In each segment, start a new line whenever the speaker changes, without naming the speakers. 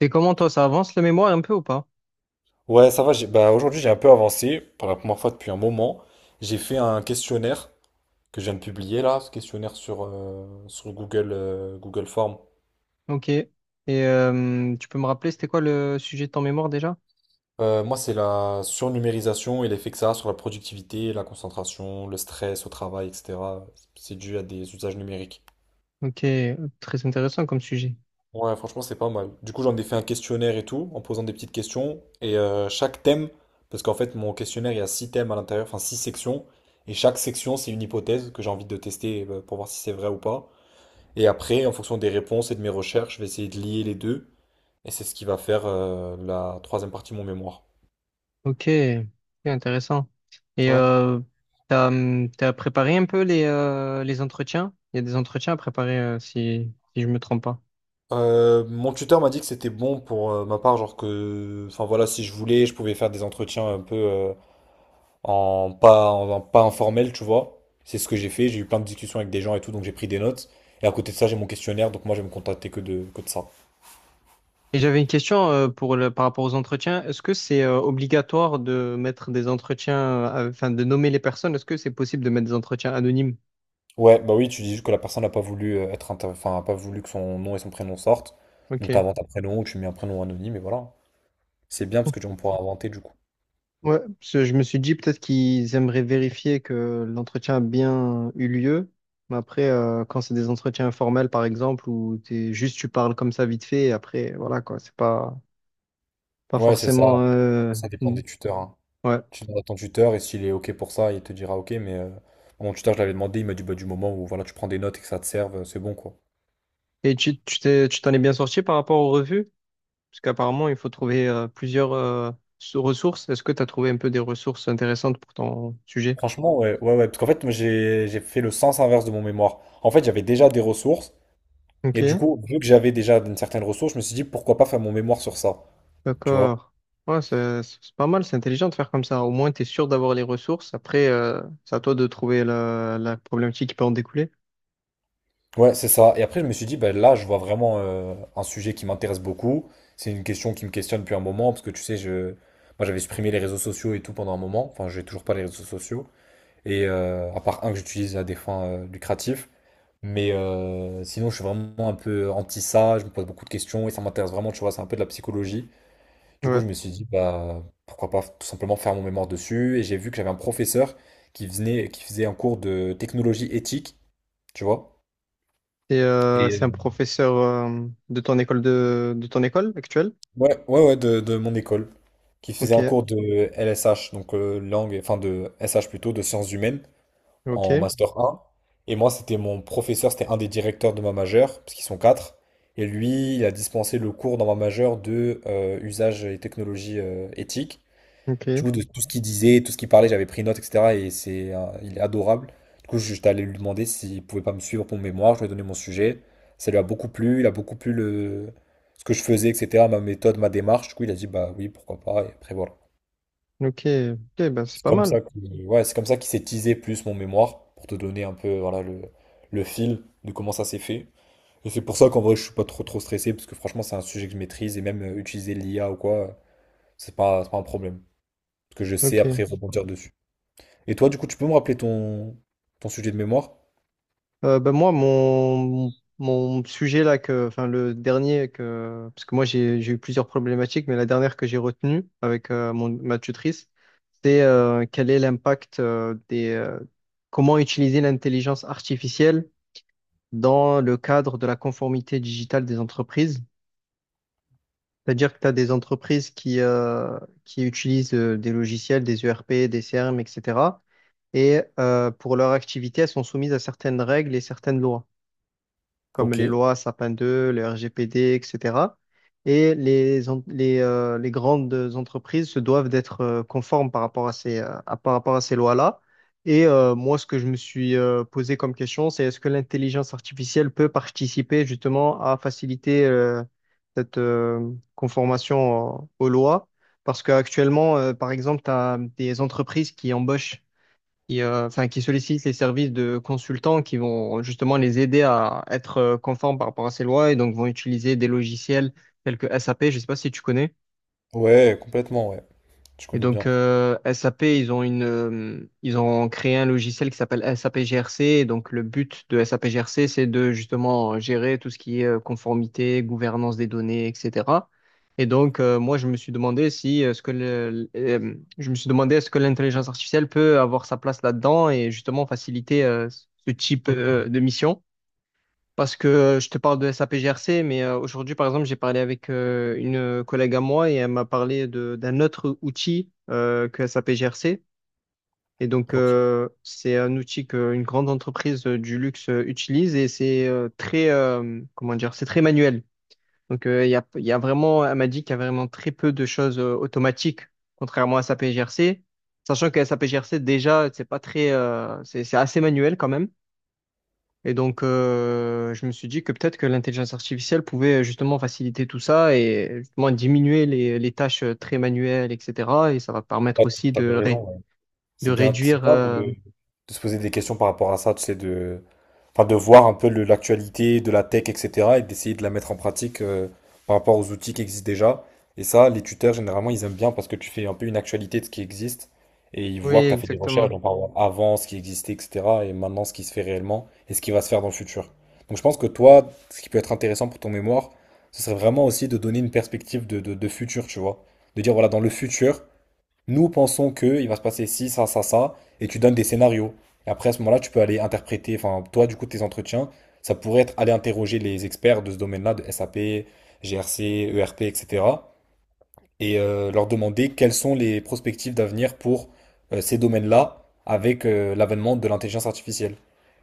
Et comment toi, ça avance le mémoire un peu ou pas?
Ouais, ça va. Bah, aujourd'hui, j'ai un peu avancé pour la première fois depuis un moment. J'ai fait un questionnaire que je viens de publier là, ce questionnaire sur Google Form.
Ok. Et tu peux me rappeler, c'était quoi le sujet de ton mémoire déjà?
Moi, c'est la surnumérisation et l'effet que ça a sur la productivité, la concentration, le stress au travail, etc. C'est dû à des usages numériques.
Ok, très intéressant comme sujet.
Ouais, franchement, c'est pas mal. Du coup, j'en ai fait un questionnaire et tout, en posant des petites questions. Et chaque thème, parce qu'en fait, mon questionnaire, il y a six thèmes à l'intérieur, enfin six sections. Et chaque section, c'est une hypothèse que j'ai envie de tester pour voir si c'est vrai ou pas. Et après, en fonction des réponses et de mes recherches, je vais essayer de lier les deux. Et c'est ce qui va faire la troisième partie de mon mémoire.
Ok, ok, intéressant. Et
Ouais.
t'as préparé un peu les entretiens? Il y a des entretiens à préparer si je me trompe pas.
Mon tuteur m'a dit que c'était bon pour ma part, genre que, enfin voilà, si je voulais, je pouvais faire des entretiens un peu en pas informel, tu vois. C'est ce que j'ai fait, j'ai eu plein de discussions avec des gens et tout, donc j'ai pris des notes. Et à côté de ça, j'ai mon questionnaire, donc moi je vais me contacter que de ça.
Et j'avais une question pour par rapport aux entretiens. Est-ce que c'est obligatoire de mettre des entretiens, enfin de nommer les personnes? Est-ce que c'est possible de mettre des entretiens anonymes?
Ouais, bah oui, tu dis juste que la personne n'a pas voulu enfin, a pas voulu que son nom et son prénom sortent. Donc
Ok.
t'inventes un prénom ou tu mets un prénom anonyme et voilà. C'est bien parce que on pourra inventer du coup.
Ouais, parce que je me suis dit peut-être qu'ils aimeraient vérifier que l'entretien a bien eu lieu. Mais après, quand c'est des entretiens informels, par exemple, où t'es juste tu parles comme ça vite fait, et après, voilà quoi, c'est pas
Ouais, c'est ça.
forcément.
Ça dépend
Mm,
des tuteurs, hein.
ouais.
Tu demandes à ton tuteur et s'il est OK pour ça, il te dira OK, mais mon tuteur, je l'avais demandé, il m'a dit bah, du moment où voilà, tu prends des notes et que ça te serve, c'est bon quoi.
Et tu tu t'en es bien sorti par rapport aux revues? Parce qu'apparemment, il faut trouver plusieurs ressources. Est-ce que tu as trouvé un peu des ressources intéressantes pour ton sujet?
Franchement, ouais, ouais, ouais. Parce qu'en fait, moi, j'ai fait le sens inverse de mon mémoire. En fait, j'avais déjà des ressources.
Ok.
Et du coup, vu que j'avais déjà une certaine ressource, je me suis dit, pourquoi pas faire mon mémoire sur ça? Tu vois?
D'accord. Ouais, c'est pas mal, c'est intelligent de faire comme ça. Au moins, tu es sûr d'avoir les ressources. Après, c'est à toi de trouver la problématique qui peut en découler.
Ouais, c'est ça. Et après, je me suis dit, bah, là, je vois vraiment un sujet qui m'intéresse beaucoup. C'est une question qui me questionne depuis un moment. Parce que tu sais, moi, j'avais supprimé les réseaux sociaux et tout pendant un moment. Enfin, j'ai toujours pas les réseaux sociaux. Et à part un que j'utilise à des fins lucratives. Mais sinon, je suis vraiment un peu anti ça. Je me pose beaucoup de questions et ça m'intéresse vraiment. Tu vois, c'est un peu de la psychologie. Du coup,
Ouais.
je me suis dit, bah, pourquoi pas tout simplement faire mon mémoire dessus. Et j'ai vu que j'avais un professeur qui venait, qui faisait un cours de technologie éthique, tu vois.
Et
Et
c'est
euh,
un professeur de ton école de ton école actuelle?
ouais, ouais, ouais, de mon école, qui faisait
Ok,
un cours de LSH, donc langue, enfin de SH plutôt, de sciences humaines, en
ok,
master 1. Et moi, c'était mon professeur, c'était un des directeurs de ma majeure, parce qu'ils sont quatre. Et lui, il a dispensé le cours dans ma majeure de usage et technologie éthiques.
ok,
Du coup, de tout ce qu'il disait, tout ce qu'il parlait, j'avais pris note, etc. Et il est adorable. Du coup, j'étais allé lui demander s'il pouvait pas me suivre pour mon mémoire. Je lui ai donné mon sujet. Ça lui a beaucoup plu. Il a beaucoup plu ce que je faisais, etc. Ma méthode, ma démarche. Du coup, il a dit, bah oui, pourquoi pas. Et après, voilà.
ok, ok, ben c'est
C'est
pas
comme
mal.
ça que, ouais, c'est comme ça qu'il s'est teasé plus mon mémoire pour te donner un peu, voilà, le fil de comment ça s'est fait. Et c'est pour ça qu'en vrai, je suis pas trop, trop stressé parce que franchement, c'est un sujet que je maîtrise et même utiliser l'IA ou quoi, c'est pas un problème. Parce que je sais après
Ok.
rebondir dessus. Et toi, du coup, tu peux me rappeler ton sujet de mémoire?
Ben moi, mon sujet là, que, enfin le dernier que, parce que moi j'ai eu plusieurs problématiques, mais la dernière que j'ai retenue avec ma tutrice, c'est quel est l'impact comment utiliser l'intelligence artificielle dans le cadre de la conformité digitale des entreprises. C'est-à-dire que tu as des entreprises qui utilisent des logiciels, des ERP, des CRM, etc. Et cetera. Et pour leur activité, elles sont soumises à certaines règles et certaines lois, comme
Ok.
les lois Sapin 2, le RGPD, etc. Et cetera. Et les grandes entreprises se doivent d'être conformes par rapport à ces lois-là. Et moi, ce que je me suis posé comme question, c'est est-ce que l'intelligence artificielle peut participer justement à faciliter cette conformation aux lois? Parce qu'actuellement, par exemple, tu as des entreprises enfin, qui sollicitent les services de consultants qui vont justement les aider à être conformes par rapport à ces lois et donc vont utiliser des logiciels tels que SAP, je ne sais pas si tu connais.
Ouais, complètement, ouais. Je
Et
connais
donc,
bien.
SAP, ils ont ils ont créé un logiciel qui s'appelle SAP GRC. Et donc, le but de SAP GRC, c'est de justement gérer tout ce qui est conformité, gouvernance des données, etc. Et donc, moi, je me suis demandé si, ce que le, je me suis demandé est-ce que l'intelligence artificielle peut avoir sa place là-dedans et justement faciliter ce type de mission. Parce que je te parle de SAPGRC, mais aujourd'hui, par exemple, j'ai parlé avec une collègue à moi et elle m'a parlé d'un autre outil que SAPGRC. Et donc,
Ok.
c'est un outil qu'une grande entreprise du luxe utilise et c'est très manuel. Donc, il y a vraiment, elle m'a dit qu'il y a vraiment très peu de choses automatiques, contrairement à SAPGRC. Sachant que SAPGRC, déjà, c'est pas très, c'est assez manuel quand même. Et donc, je me suis dit que peut-être que l'intelligence artificielle pouvait justement faciliter tout ça et justement diminuer les tâches très manuelles, etc. Et ça va
Ah,
permettre aussi
t'avais raison, ouais.
de
C'est
réduire.
bien de, de se poser des questions par rapport à ça, tu sais, de, enfin, de voir un peu l'actualité de la tech, etc., et d'essayer de la mettre en pratique par rapport aux outils qui existent déjà. Et ça, les tuteurs, généralement, ils aiment bien parce que tu fais un peu une actualité de ce qui existe, et ils
Oui,
voient que tu as fait des recherches,
exactement.
donc par exemple, avant ce qui existait, etc., et maintenant ce qui se fait réellement, et ce qui va se faire dans le futur. Donc je pense que toi, ce qui peut être intéressant pour ton mémoire, ce serait vraiment aussi de donner une perspective de futur, tu vois. De dire, voilà, dans le futur, nous pensons que il va se passer ci, ça, et tu donnes des scénarios. Et après, à ce moment-là, tu peux aller interpréter, enfin, toi, du coup, tes entretiens, ça pourrait être aller interroger les experts de ce domaine-là, de SAP, GRC, ERP, etc., et cetera, et leur demander quelles sont les perspectives d'avenir pour ces domaines-là avec l'avènement de l'intelligence artificielle.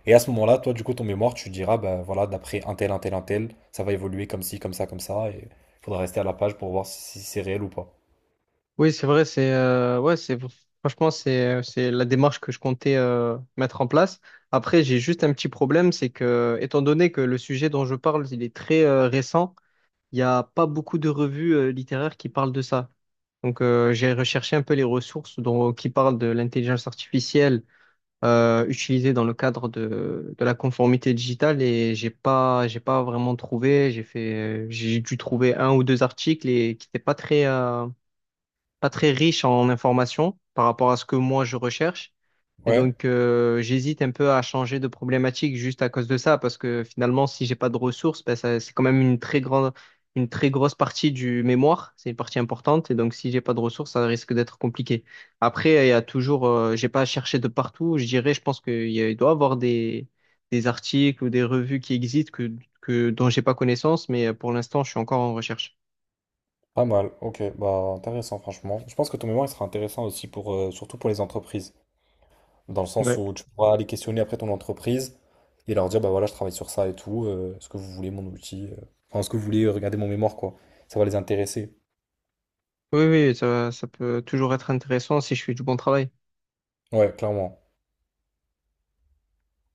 Et à ce moment-là, toi, du coup, ton mémoire, tu diras, bah voilà, d'après un tel, un tel, un tel, ça va évoluer comme ci, comme ça, et il faudra rester à la page pour voir si c'est réel ou pas.
Oui, c'est vrai. C'est ouais, c'est franchement, c'est la démarche que je comptais mettre en place. Après, j'ai juste un petit problème, c'est que étant donné que le sujet dont je parle, il est très récent, il n'y a pas beaucoup de revues littéraires qui parlent de ça. Donc, j'ai recherché un peu les ressources qui parlent de l'intelligence artificielle utilisée dans le cadre de la conformité digitale et j'ai pas vraiment trouvé. J'ai dû trouver un ou deux articles et qui n'étaient pas très, pas très riches en informations par rapport à ce que moi je recherche. Et
Ouais.
donc, j'hésite un peu à changer de problématique juste à cause de ça, parce que finalement, si j'ai pas de ressources, ben, c'est quand même une très grosse partie du mémoire. C'est une partie importante. Et donc, si j'ai pas de ressources, ça risque d'être compliqué. Après, il y a toujours, j'ai pas cherché de partout. Je dirais, je pense qu'il doit y avoir des articles ou des revues qui existent dont j'ai pas connaissance, mais pour l'instant, je suis encore en recherche.
Pas mal, ok, bah intéressant franchement. Je pense que ton mémoire il sera intéressant aussi pour surtout pour les entreprises, dans le sens
Ouais.
où tu pourras aller questionner après ton entreprise et leur dire bah voilà je travaille sur ça et tout, est-ce que vous voulez mon outil, enfin est-ce que vous voulez regarder mon mémoire quoi. Ça va les intéresser.
Oui, oui, ça peut toujours être intéressant si je fais du bon travail.
Ouais, clairement.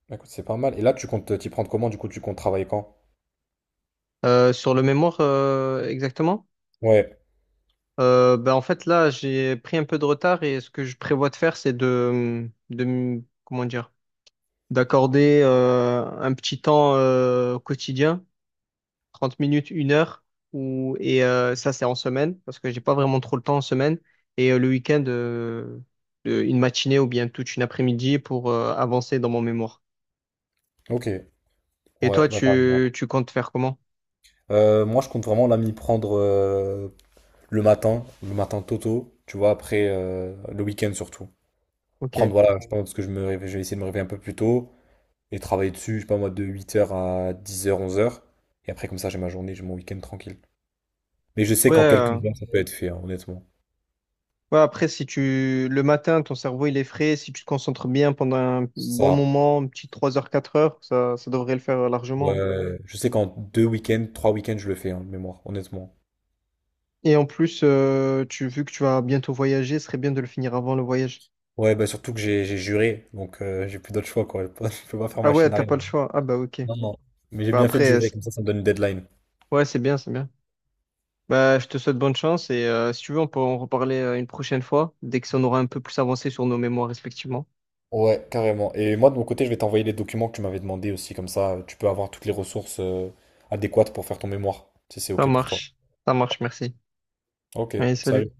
Bah, écoute, c'est pas mal. Et là tu comptes t'y prendre comment, du coup tu comptes travailler quand?
Sur le mémoire, exactement?
Ouais,
Ben, en fait, là, j'ai pris un peu de retard et ce que je prévois de faire, c'est comment dire, d'accorder un petit temps quotidien, 30 minutes, 1 heure, et ça, c'est en semaine, parce que j'ai pas vraiment trop le temps en semaine, et le week-end, une matinée ou bien toute une après-midi pour avancer dans mon mémoire.
ok.
Et toi,
Ouais, bah t'as raison.
tu comptes faire comment?
Moi je compte vraiment là m'y prendre le matin tôt tôt, tu vois, après le week-end surtout. Prendre,
Ok.
voilà, je pense que je vais essayer de me réveiller un peu plus tôt et travailler dessus, je sais pas moi, de 8 heures à 10 heures 11 heures. Et après, comme ça, j'ai ma journée, j'ai mon week-end tranquille. Mais je sais qu'en quelques
Ouais,
heures, ça peut être fait, hein, honnêtement.
ouais, après, si tu le matin, ton cerveau il est frais, si tu te concentres bien pendant un bon
Ça,
moment, un petit 3 heures, 4 heures, ça devrait le faire largement.
ouais, je sais qu'en 2 week-ends, 3 week-ends, je le fais, hein, de mémoire, honnêtement.
Et en plus, vu que tu vas bientôt voyager, ce serait bien de le finir avant le voyage.
Ouais, bah surtout que j'ai juré, donc j'ai plus d'autre choix, quoi. Je peux pas faire
Ah
machine
ouais, t'as
arrière.
pas le choix. Ah bah ok.
Non, non. Mais j'ai
Bah
bien fait de
après,
jurer, comme ça me donne une deadline.
ouais, c'est bien, c'est bien. Bah je te souhaite bonne chance et si tu veux, on peut en reparler une prochaine fois, dès que ça on aura un peu plus avancé sur nos mémoires respectivement.
Ouais, carrément. Et moi, de mon côté, je vais t'envoyer les documents que tu m'avais demandé aussi, comme ça, tu peux avoir toutes les ressources adéquates pour faire ton mémoire, si c'est
Ça
OK pour toi.
marche. Ça marche, merci.
OK,
Allez, salut.
salut.